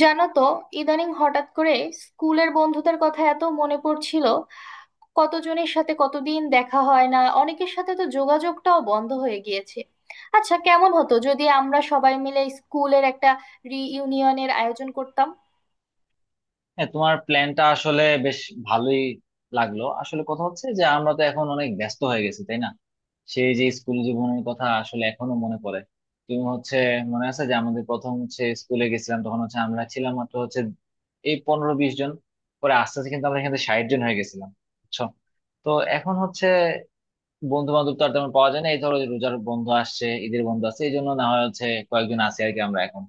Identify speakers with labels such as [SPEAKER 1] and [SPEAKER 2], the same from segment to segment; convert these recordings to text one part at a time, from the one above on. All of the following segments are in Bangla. [SPEAKER 1] জানো তো, ইদানিং হঠাৎ করে স্কুলের বন্ধুদের কথা এত মনে পড়ছিল। কতজনের সাথে কতদিন দেখা হয় না, অনেকের সাথে তো যোগাযোগটাও বন্ধ হয়ে গিয়েছে। আচ্ছা, কেমন হতো যদি আমরা সবাই মিলে স্কুলের একটা রিইউনিয়নের আয়োজন করতাম?
[SPEAKER 2] হ্যাঁ, তোমার প্ল্যানটা আসলে বেশ ভালোই লাগলো। আসলে কথা হচ্ছে যে আমরা তো এখন অনেক ব্যস্ত হয়ে গেছি, তাই না? সেই যে স্কুল জীবনের কথা আসলে এখনো মনে পড়ে। তুমি হচ্ছে মনে আছে যে আমাদের প্রথম স্কুলে গেছিলাম, তখন আমরা ছিলাম মাত্র এই 15-20 জন। পরে আস্তে আস্তে কিন্তু আমরা এখানে 60 জন হয়ে গেছিলাম, বুঝছো? তো এখন বন্ধু বান্ধব তো আর তেমন পাওয়া যায় না। এই ধরো যে রোজার বন্ধু আসছে, ঈদের বন্ধু আসছে, এই জন্য না হয় কয়েকজন আছি আর কি আমরা এখন।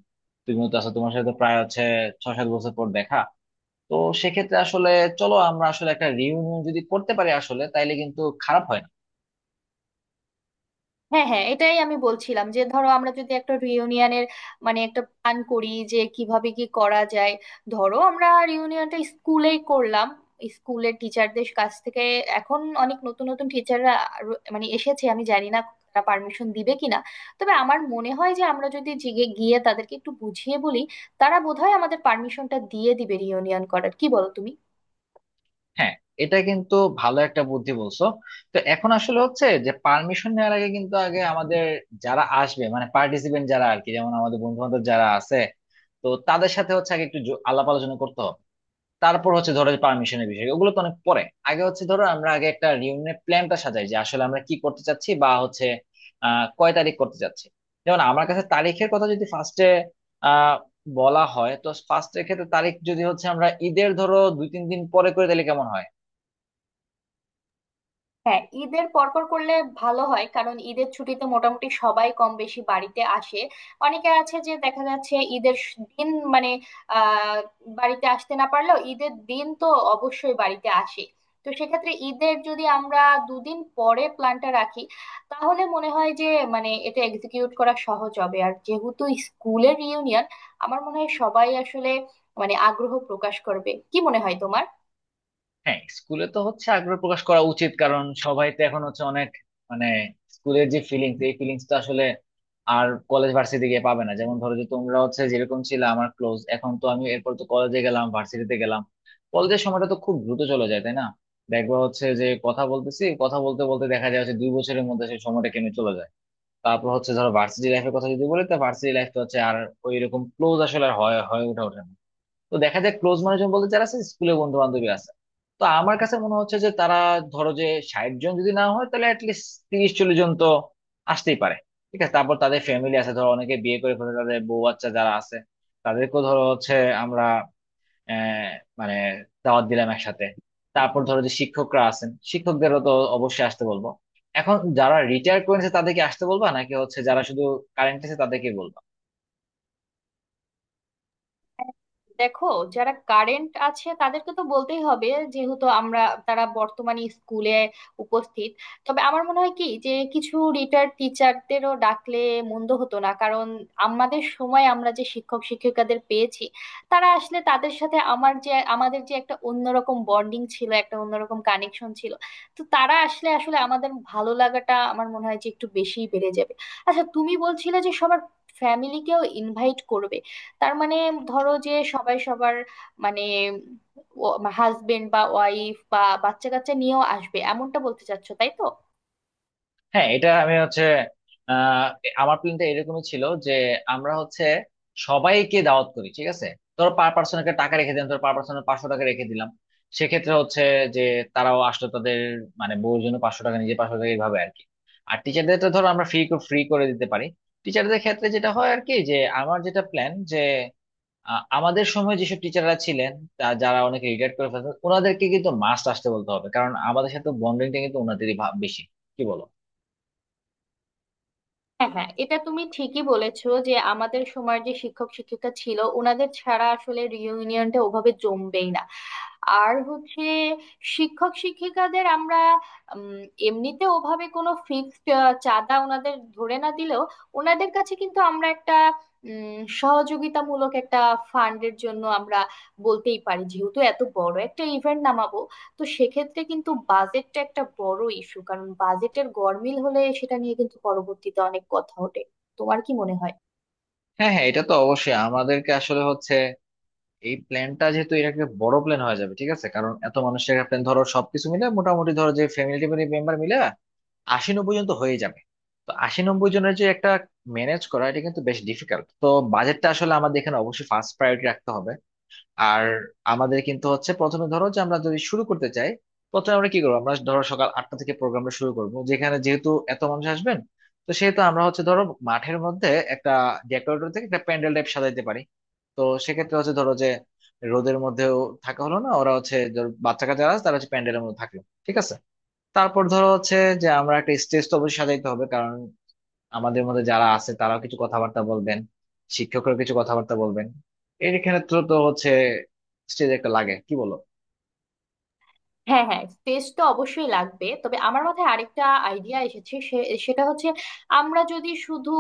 [SPEAKER 2] তুমিও তো আছো, তোমার সাথে তো প্রায় 6-7 বছর পর দেখা। তো সেক্ষেত্রে আসলে চলো আমরা আসলে একটা রিউনিয়ন যদি করতে পারি আসলে তাইলে কিন্তু খারাপ হয় না।
[SPEAKER 1] হ্যাঁ হ্যাঁ, এটাই আমি বলছিলাম যে ধরো আমরা যদি একটা রিউনিয়নের একটা প্ল্যান করি যে কিভাবে কি করা যায়। ধরো আমরা রিউনিয়নটা স্কুলেই করলাম, স্কুলের টিচারদের কাছ থেকে। এখন অনেক নতুন নতুন টিচাররা এসেছে, আমি জানি না তারা পারমিশন দিবে কিনা। তবে আমার মনে হয় যে আমরা যদি জিগে গিয়ে তাদেরকে একটু বুঝিয়ে বলি, তারা বোধহয় আমাদের পারমিশনটা দিয়ে দিবে রিউনিয়ন করার। কি বলো তুমি?
[SPEAKER 2] হ্যাঁ, এটা কিন্তু ভালো একটা বুদ্ধি বলছো। তো এখন আসলে যে পারমিশন নেওয়ার আগে কিন্তু আগে আমাদের যারা আসবে মানে পার্টিসিপেন্ট যারা আর কি, যেমন আমাদের বন্ধু বান্ধব যারা আছে, তো তাদের সাথে আগে একটু আলাপ আলোচনা করতে হবে। তারপর ধরো যে পারমিশনের বিষয় ওগুলো তো অনেক পরে। আগে ধরো আমরা আগে একটা রিউনিয়নের প্ল্যানটা সাজাই যে আসলে আমরা কি করতে চাচ্ছি, বা হচ্ছে আহ কয় তারিখ করতে চাচ্ছি। যেমন আমার কাছে তারিখের কথা যদি ফার্স্টে আহ বলা হয়, তো ফার্স্টের ক্ষেত্রে তারিখ যদি আমরা ঈদের ধরো 2-3 দিন পরে করে তাহলে কেমন হয়?
[SPEAKER 1] হ্যাঁ, ঈদের পরপর করলে ভালো হয়, কারণ ঈদের ছুটিতে মোটামুটি সবাই কম বেশি বাড়িতে আসে। অনেকে আছে যে দেখা যাচ্ছে ঈদের দিন মানে আহ বাড়িতে আসতে না পারলেও ঈদের দিন তো অবশ্যই বাড়িতে আসে। তো সেক্ষেত্রে ঈদের যদি আমরা দুদিন পরে প্ল্যানটা রাখি, তাহলে মনে হয় যে এটা এক্সিকিউট করা সহজ হবে। আর যেহেতু স্কুলের রিউনিয়ন, আমার মনে হয় সবাই আসলে আগ্রহ প্রকাশ করবে। কি মনে হয় তোমার?
[SPEAKER 2] হ্যাঁ, স্কুলে তো আগ্রহ প্রকাশ করা উচিত, কারণ সবাই তো এখন অনেক মানে স্কুলের যে ফিলিংস, এই ফিলিংস তো আসলে আর কলেজ ভার্সিটি গিয়ে পাবে না। যেমন ধরো যে তোমরা যেরকম ছিল আমার ক্লোজ, এখন তো আমি এরপর তো কলেজে গেলাম, ভার্সিটিতে গেলাম। কলেজের সময়টা তো খুব দ্রুত চলে যায়, তাই না? দেখবা যে কথা বলতেছি কথা বলতে বলতে দেখা যায় 2 বছরের মধ্যে সেই সময়টা কেমনে চলে যায়। তারপর ধরো ভার্সিটি লাইফের কথা যদি বলি, তো ভার্সিটি লাইফ তো আর ওই রকম ক্লোজ আসলে আর হয়ে ওঠে ওঠে না। তো দেখা যায় ক্লোজ মানুষজন বলতে যারা আছে স্কুলে বন্ধু বান্ধবী আছে। তো আমার কাছে মনে হচ্ছে যে তারা, ধরো যে, 60 জন যদি না হয় তাহলে অ্যাটলিস্ট 30-40 জন তো আসতেই পারে। ঠিক আছে। তারপর তাদের ফ্যামিলি আছে, ধরো অনেকে বিয়ে করে ফেলে, তাদের বউ বাচ্চা যারা আছে তাদেরকেও ধরো আমরা আহ মানে দাওয়াত দিলাম একসাথে। তারপর ধরো যে শিক্ষকরা আছেন, শিক্ষকদেরও তো অবশ্যই আসতে বলবো। এখন যারা রিটায়ার করে নিছে তাদেরকে আসতে বলবা, নাকি যারা শুধু কারেন্ট আছে তাদেরকে বলবো?
[SPEAKER 1] দেখো, যারা কারেন্ট আছে তাদেরকে তো বলতেই হবে, যেহেতু তারা বর্তমানে স্কুলে উপস্থিত। তবে আমার মনে হয় কি, যে কিছু রিটায়ার্ড টিচারদেরও ডাকলে মন্দ হতো না, কারণ আমাদের সময় আমরা যে শিক্ষক শিক্ষিকাদের পেয়েছি তারা আসলে, তাদের সাথে আমার যে আমাদের যে একটা অন্যরকম বন্ডিং ছিল, একটা অন্যরকম কানেকশন ছিল। তো তারা আসলে আসলে আমাদের ভালো লাগাটা আমার মনে হয় যে একটু বেশিই বেড়ে যাবে। আচ্ছা, তুমি বলছিলে যে সবার ফ্যামিলিকেও ইনভাইট করবে। তার মানে ধরো যে সবাই সবার মানে হাজবেন্ড বা ওয়াইফ বা বাচ্চা কাচ্চা নিয়েও আসবে, এমনটা বলতে চাচ্ছো তাই তো?
[SPEAKER 2] হ্যাঁ, এটা আমি হচ্ছে আহ আমার প্ল্যানটা এরকমই ছিল যে আমরা সবাইকে দাওয়াত করি। ঠিক আছে। ধরো পার পার্সন একটা টাকা রেখে দিলাম, ধরো পার পার্সন 500 টাকা রেখে দিলাম। সেক্ষেত্রে যে তারাও আসলো, তাদের মানে বউর জন্য 500 টাকা, নিজে 500 টাকা, এইভাবে আর কি। আর টিচারদের তো ধরো আমরা ফ্রি ফ্রি করে দিতে পারি। টিচারদের ক্ষেত্রে যেটা হয় আর কি, যে আমার যেটা প্ল্যান যে আমাদের সময় যেসব টিচাররা ছিলেন, যারা অনেকে রিটায়ার করে ফেলছেন ওনাদেরকে কিন্তু মাস্ট আসতে বলতে হবে, কারণ আমাদের সাথে বন্ডিংটা কিন্তু ওনাদেরই বেশি। কি বলো?
[SPEAKER 1] হ্যাঁ হ্যাঁ, এটা তুমি ঠিকই বলেছো যে আমাদের সময় যে শিক্ষক শিক্ষিকা ছিল, ওনাদের ছাড়া আসলে রিইউনিয়নটা ওভাবে জমবেই না। আর হচ্ছে, শিক্ষক শিক্ষিকাদের আমরা উম, এমনিতে ওভাবে কোনো ফিক্সড চাঁদা ওনাদের ধরে না দিলেও, ওনাদের কাছে কিন্তু আমরা একটা সহযোগিতামূলক একটা ফান্ডের জন্য আমরা বলতেই পারি, যেহেতু এত বড় একটা ইভেন্ট নামাবো। তো সেক্ষেত্রে কিন্তু বাজেটটা একটা বড় ইস্যু, কারণ বাজেটের গরমিল হলে সেটা নিয়ে কিন্তু পরবর্তীতে অনেক কথা ওঠে। তোমার কি মনে হয়?
[SPEAKER 2] হ্যাঁ হ্যাঁ, এটা তো অবশ্যই আমাদেরকে আসলে এই প্ল্যানটা, যেহেতু এটা একটা বড় প্ল্যান হয়ে যাবে। ঠিক আছে, কারণ এত মানুষের একটা প্ল্যান ধরো সবকিছু মিলে মোটামুটি, ধরো যে ফ্যামিলি মেম্বার মিলে 80-90 জন তো হয়ে যাবে। তো 80-90 জনের যে একটা ম্যানেজ করা এটা কিন্তু বেশ ডিফিকাল্ট। তো বাজেটটা আসলে আমাদের এখানে অবশ্যই ফার্স্ট প্রায়োরিটি রাখতে হবে। আর আমাদের কিন্তু প্রথমে ধরো যে আমরা যদি শুরু করতে চাই, প্রথমে আমরা কি করবো, আমরা ধরো সকাল 8টা থেকে প্রোগ্রামটা শুরু করবো। যেখানে যেহেতু এত মানুষ আসবেন, তো সেহেতু আমরা ধরো মাঠের মধ্যে একটা ডেকোরেটর থেকে একটা প্যান্ডেল টাইপ সাজাইতে পারি। তো সেক্ষেত্রে ধরো যে রোদের মধ্যেও থাকা হলো না, ওরা ধরো বাচ্চা কাচ্চা আছে তারা প্যান্ডেলের মধ্যে থাকলো। ঠিক আছে। তারপর ধরো যে আমরা একটা স্টেজ তো অবশ্যই সাজাইতে হবে, কারণ আমাদের মধ্যে যারা আছে তারাও কিছু কথাবার্তা বলবেন, শিক্ষকরা কিছু কথাবার্তা বলবেন। এর এখানে তো তো স্টেজ একটা লাগে। কি বলো?
[SPEAKER 1] হ্যাঁ হ্যাঁ, স্পেস তো অবশ্যই লাগবে। তবে আমার মাথায় আরেকটা আইডিয়া এসেছে, সেটা হচ্ছে আমরা যদি শুধু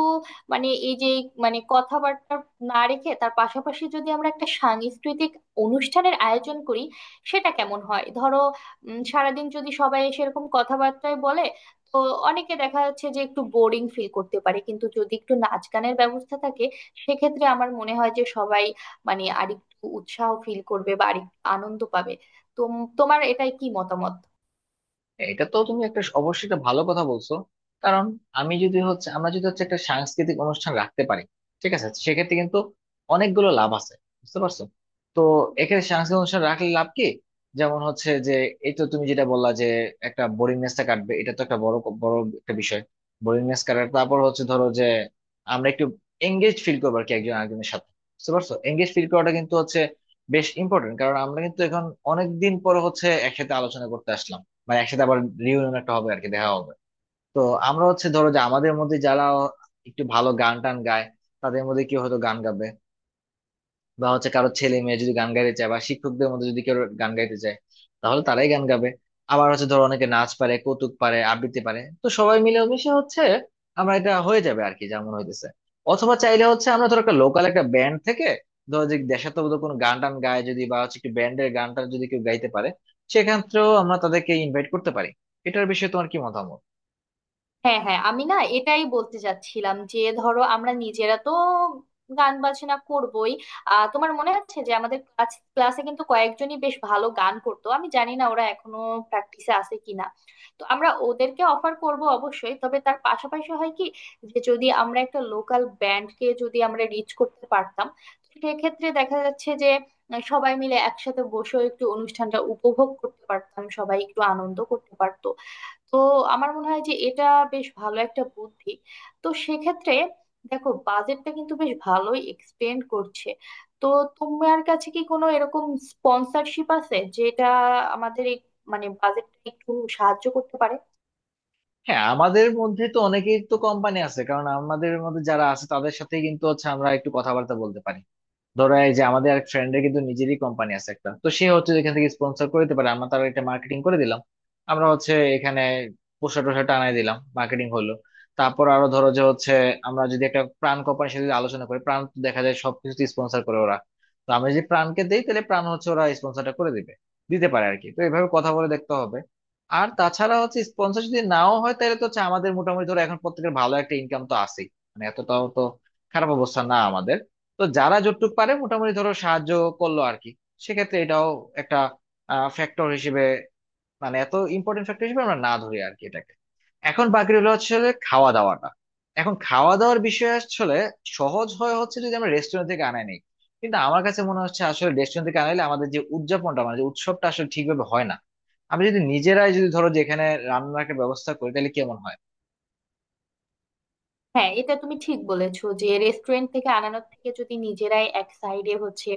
[SPEAKER 1] মানে এই যে মানে কথাবার্তা না রেখে তার পাশাপাশি যদি আমরা একটা সাংস্কৃতিক অনুষ্ঠানের আয়োজন করি, সেটা কেমন হয়? ধরো সারাদিন যদি সবাই সেরকম কথাবার্তায় বলে, তো অনেকে দেখা যাচ্ছে যে একটু বোরিং ফিল করতে পারে। কিন্তু যদি একটু নাচ গানের ব্যবস্থা থাকে, সেক্ষেত্রে আমার মনে হয় যে সবাই আরেকটু উৎসাহ ফিল করবে বা আরেকটু আনন্দ পাবে। তোমার এটাই কি মতামত?
[SPEAKER 2] এটা তো তুমি একটা অবশ্যই একটা ভালো কথা বলছো। কারণ আমি যদি হচ্ছে আমরা যদি একটা সাংস্কৃতিক অনুষ্ঠান রাখতে পারি, ঠিক আছে, সেক্ষেত্রে কিন্তু অনেকগুলো লাভ আছে, বুঝতে পারছো? তো এখানে সাংস্কৃতিক অনুষ্ঠান রাখলে লাভ কি? যেমন যে এই তো তুমি যেটা বললা যে একটা বোরিংনেসটা কাটবে, এটা তো একটা বড় বড় একটা বিষয় বোরিংনেস কাটার। তারপর ধরো যে আমরা একটু এঙ্গেজ ফিল করবো আর কি একজন আরেকজনের সাথে। বুঝতে পারছো? এঙ্গেজ ফিল করাটা কিন্তু বেশ ইম্পর্টেন্ট, কারণ আমরা কিন্তু এখন অনেক দিন পর একসাথে আলোচনা করতে আসলাম। মানে একসাথে আবার রিউনিয়ন একটা হবে আর কি, দেখা হবে। তো আমরা ধরো যে আমাদের মধ্যে যারা একটু ভালো গান টান গায়, তাদের মধ্যে কেউ হয়তো গান গাবে। বা কারো ছেলে মেয়ে যদি গান গাইতে চায়, বা শিক্ষকদের মধ্যে যদি কেউ গান গাইতে চায় তাহলে তারাই গান গাবে। আবার ধরো অনেকে নাচ পারে, কৌতুক পারে, আবৃত্তি পারে, তো সবাই মিলেমিশে আমরা এটা হয়ে যাবে আর কি যেমন হইতেছে। অথবা চাইলে আমরা ধরো একটা লোকাল একটা ব্যান্ড থেকে ধরো যে দেশাত্মবোধক কোনো গান টান গায় যদি, বা একটু ব্যান্ডের গান টান যদি কেউ গাইতে পারে, সেক্ষেত্রেও আমরা তাদেরকে ইনভাইট করতে পারি। এটার বিষয়ে তোমার কি মতামত?
[SPEAKER 1] হ্যাঁ হ্যাঁ, আমি না এটাই বলতে চাচ্ছিলাম যে ধরো আমরা নিজেরা তো গান বাজনা করবোই। তোমার মনে আছে যে আমাদের ক্লাসে কিন্তু কয়েকজনই বেশ ভালো গান করতো, আমি জানি না ওরা এখনো প্র্যাকটিসে আছে কিনা। তো আমরা ওদেরকে অফার করব অবশ্যই। তবে তার পাশাপাশি হয় কি, যে যদি আমরা একটা লোকাল ব্যান্ডকে যদি আমরা রিচ করতে পারতাম, তো সেক্ষেত্রে দেখা যাচ্ছে যে সবাই মিলে একসাথে বসেও একটু অনুষ্ঠানটা উপভোগ করতে পারতাম, সবাই একটু আনন্দ করতে পারতো। তো আমার মনে হয় যে এটা বেশ ভালো একটা বুদ্ধি। তো সেক্ষেত্রে দেখো, বাজেটটা কিন্তু বেশ ভালোই এক্সটেন্ড করছে। তো তোমার কাছে কি কোনো এরকম স্পন্সরশিপ আছে যেটা আমাদের এই বাজেটটা একটু সাহায্য করতে পারে?
[SPEAKER 2] হ্যাঁ, আমাদের মধ্যে তো অনেকেই তো কোম্পানি আছে, কারণ আমাদের মধ্যে যারা আছে তাদের সাথে কিন্তু আমরা একটু কথাবার্তা বলতে পারি। ধরো এই যে আমাদের এক ফ্রেন্ডের কিন্তু নিজেরই কোম্পানি আছে একটা, তো সে যেখান থেকে স্পন্সর করে দিতে পারে, আমরা তার একটা মার্কেটিং করে দিলাম। আমরা এখানে পোস্টার টোস্টার টানাই দিলাম, মার্কেটিং হলো। তারপর আরো ধরো যে আমরা যদি একটা প্রাণ কোম্পানির সাথে যদি আলোচনা করি, প্রাণ তো দেখা যায় সবকিছু স্পন্সর করে ওরা। তো আমরা যদি প্রাণকে দেই তাহলে প্রাণ ওরা স্পন্সরটা করে দিবে, দিতে পারে আর কি। তো এভাবে কথা বলে দেখতে হবে। আর তাছাড়া স্পন্সর যদি নাও হয় তাহলে তো আমাদের মোটামুটি ধরো এখন প্রত্যেকের ভালো একটা ইনকাম তো আছেই। মানে এতটাও তো খারাপ অবস্থা না আমাদের। তো যারা যতটুকু পারে মোটামুটি ধরো সাহায্য করলো আর কি। সেক্ষেত্রে এটাও একটা ফ্যাক্টর হিসেবে মানে এত ইম্পর্টেন্ট ফ্যাক্টর হিসেবে আমরা না ধরি আর কি এটাকে। এখন বাকি রইলো যে খাওয়া দাওয়াটা। এখন খাওয়া দাওয়ার বিষয়ে আসলে সহজ হয় যদি আমরা রেস্টুরেন্ট থেকে আনাই নিই, কিন্তু আমার কাছে মনে হচ্ছে আসলে রেস্টুরেন্ট থেকে আনাইলে আমাদের যে উদযাপনটা মানে যে উৎসবটা আসলে ঠিকভাবে হয় না। আমি যদি নিজেরাই যদি ধরো যেখানে রান্নার একটা ব্যবস্থা করি তাহলে কেমন হয়?
[SPEAKER 1] হ্যাঁ, এটা তুমি ঠিক বলেছো যে রেস্টুরেন্ট থেকে আনানোর থেকে যদি নিজেরাই এক সাইডে হচ্ছে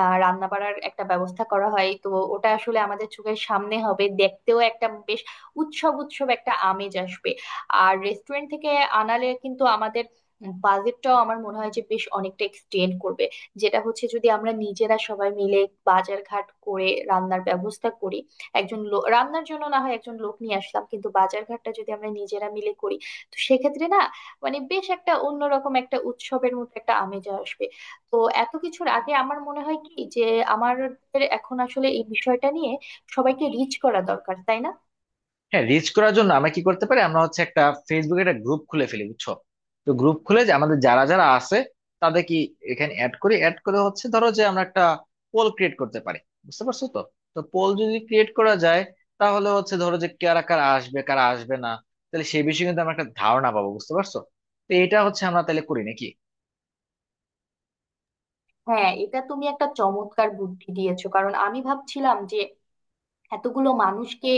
[SPEAKER 1] রান্না বাড়ার একটা ব্যবস্থা করা হয়, তো ওটা আসলে আমাদের চোখের সামনে হবে, দেখতেও একটা বেশ উৎসব উৎসব একটা আমেজ আসবে। আর রেস্টুরেন্ট থেকে আনালে কিন্তু আমাদের বাজেটটাও আমার মনে হয় যে বেশ অনেকটা এক্সটেন্ড করবে। যেটা হচ্ছে, যদি আমরা নিজেরা সবাই মিলে বাজার ঘাট করে রান্নার ব্যবস্থা করি, একজন লোক রান্নার জন্য না হয় একজন লোক নিয়ে আসলাম, কিন্তু বাজার ঘাটটা যদি আমরা নিজেরা মিলে করি, তো সেক্ষেত্রে না বেশ একটা অন্যরকম একটা উৎসবের মতো একটা আমেজ আসবে। তো এত কিছুর আগে আমার মনে হয় কি, যে আমাদের এখন আসলে এই বিষয়টা নিয়ে সবাইকে রিচ করা দরকার, তাই না?
[SPEAKER 2] হ্যাঁ, রিচ করার জন্য আমরা কি করতে পারি, আমরা একটা ফেসবুকে একটা গ্রুপ খুলে ফেলি, বুঝছো? তো গ্রুপ খুলে যে আমাদের যারা যারা আছে তাদের কি এখানে অ্যাড করি, অ্যাড করে ধরো যে আমরা একটা পোল ক্রিয়েট করতে পারি। বুঝতে পারছো তো? তো পোল যদি ক্রিয়েট করা যায়, তাহলে ধরো যে কারা কারা আসবে, কারা আসবে না, তাহলে সেই বিষয়ে কিন্তু আমরা একটা ধারণা পাবো। বুঝতে পারছো? তো এটা আমরা তাহলে করি নাকি?
[SPEAKER 1] হ্যাঁ, এটা তুমি একটা চমৎকার বুদ্ধি দিয়েছো, কারণ আমি ভাবছিলাম যে এতগুলো মানুষকে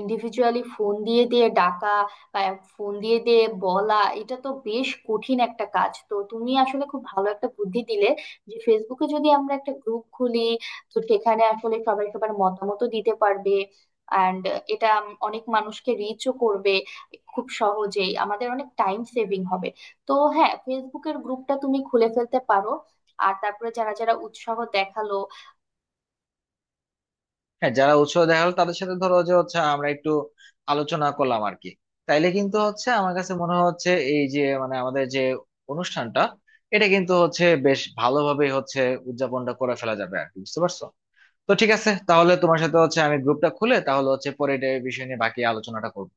[SPEAKER 1] ইন্ডিভিজুয়ালি ফোন দিয়ে দিয়ে ডাকা বা ফোন দিয়ে দিয়ে বলা এটা তো বেশ কঠিন একটা কাজ। তো তুমি আসলে খুব ভালো একটা বুদ্ধি দিলে যে ফেসবুকে যদি আমরা একটা গ্রুপ খুলি, তো সেখানে আসলে সবাই সবার মতামতও দিতে পারবে অ্যান্ড এটা অনেক মানুষকে রিচও করবে। খুব সহজেই আমাদের অনেক টাইম সেভিং হবে। তো হ্যাঁ, ফেসবুকের গ্রুপটা তুমি খুলে ফেলতে পারো। আর তারপরে যারা যারা উৎসাহ দেখালো
[SPEAKER 2] হ্যাঁ, যারা উৎসাহ দেখা হলো তাদের সাথে ধরো যে আমরা একটু আলোচনা করলাম আর কি। তাইলে কিন্তু আমার কাছে মনে হচ্ছে এই যে মানে আমাদের যে অনুষ্ঠানটা, এটা কিন্তু বেশ ভালোভাবে উদযাপনটা করে ফেলা যাবে আর কি। বুঝতে পারছো তো? ঠিক আছে, তাহলে তোমার সাথে আমি গ্রুপটা খুলে তাহলে পরে এটা এই বিষয় নিয়ে বাকি আলোচনাটা করবো।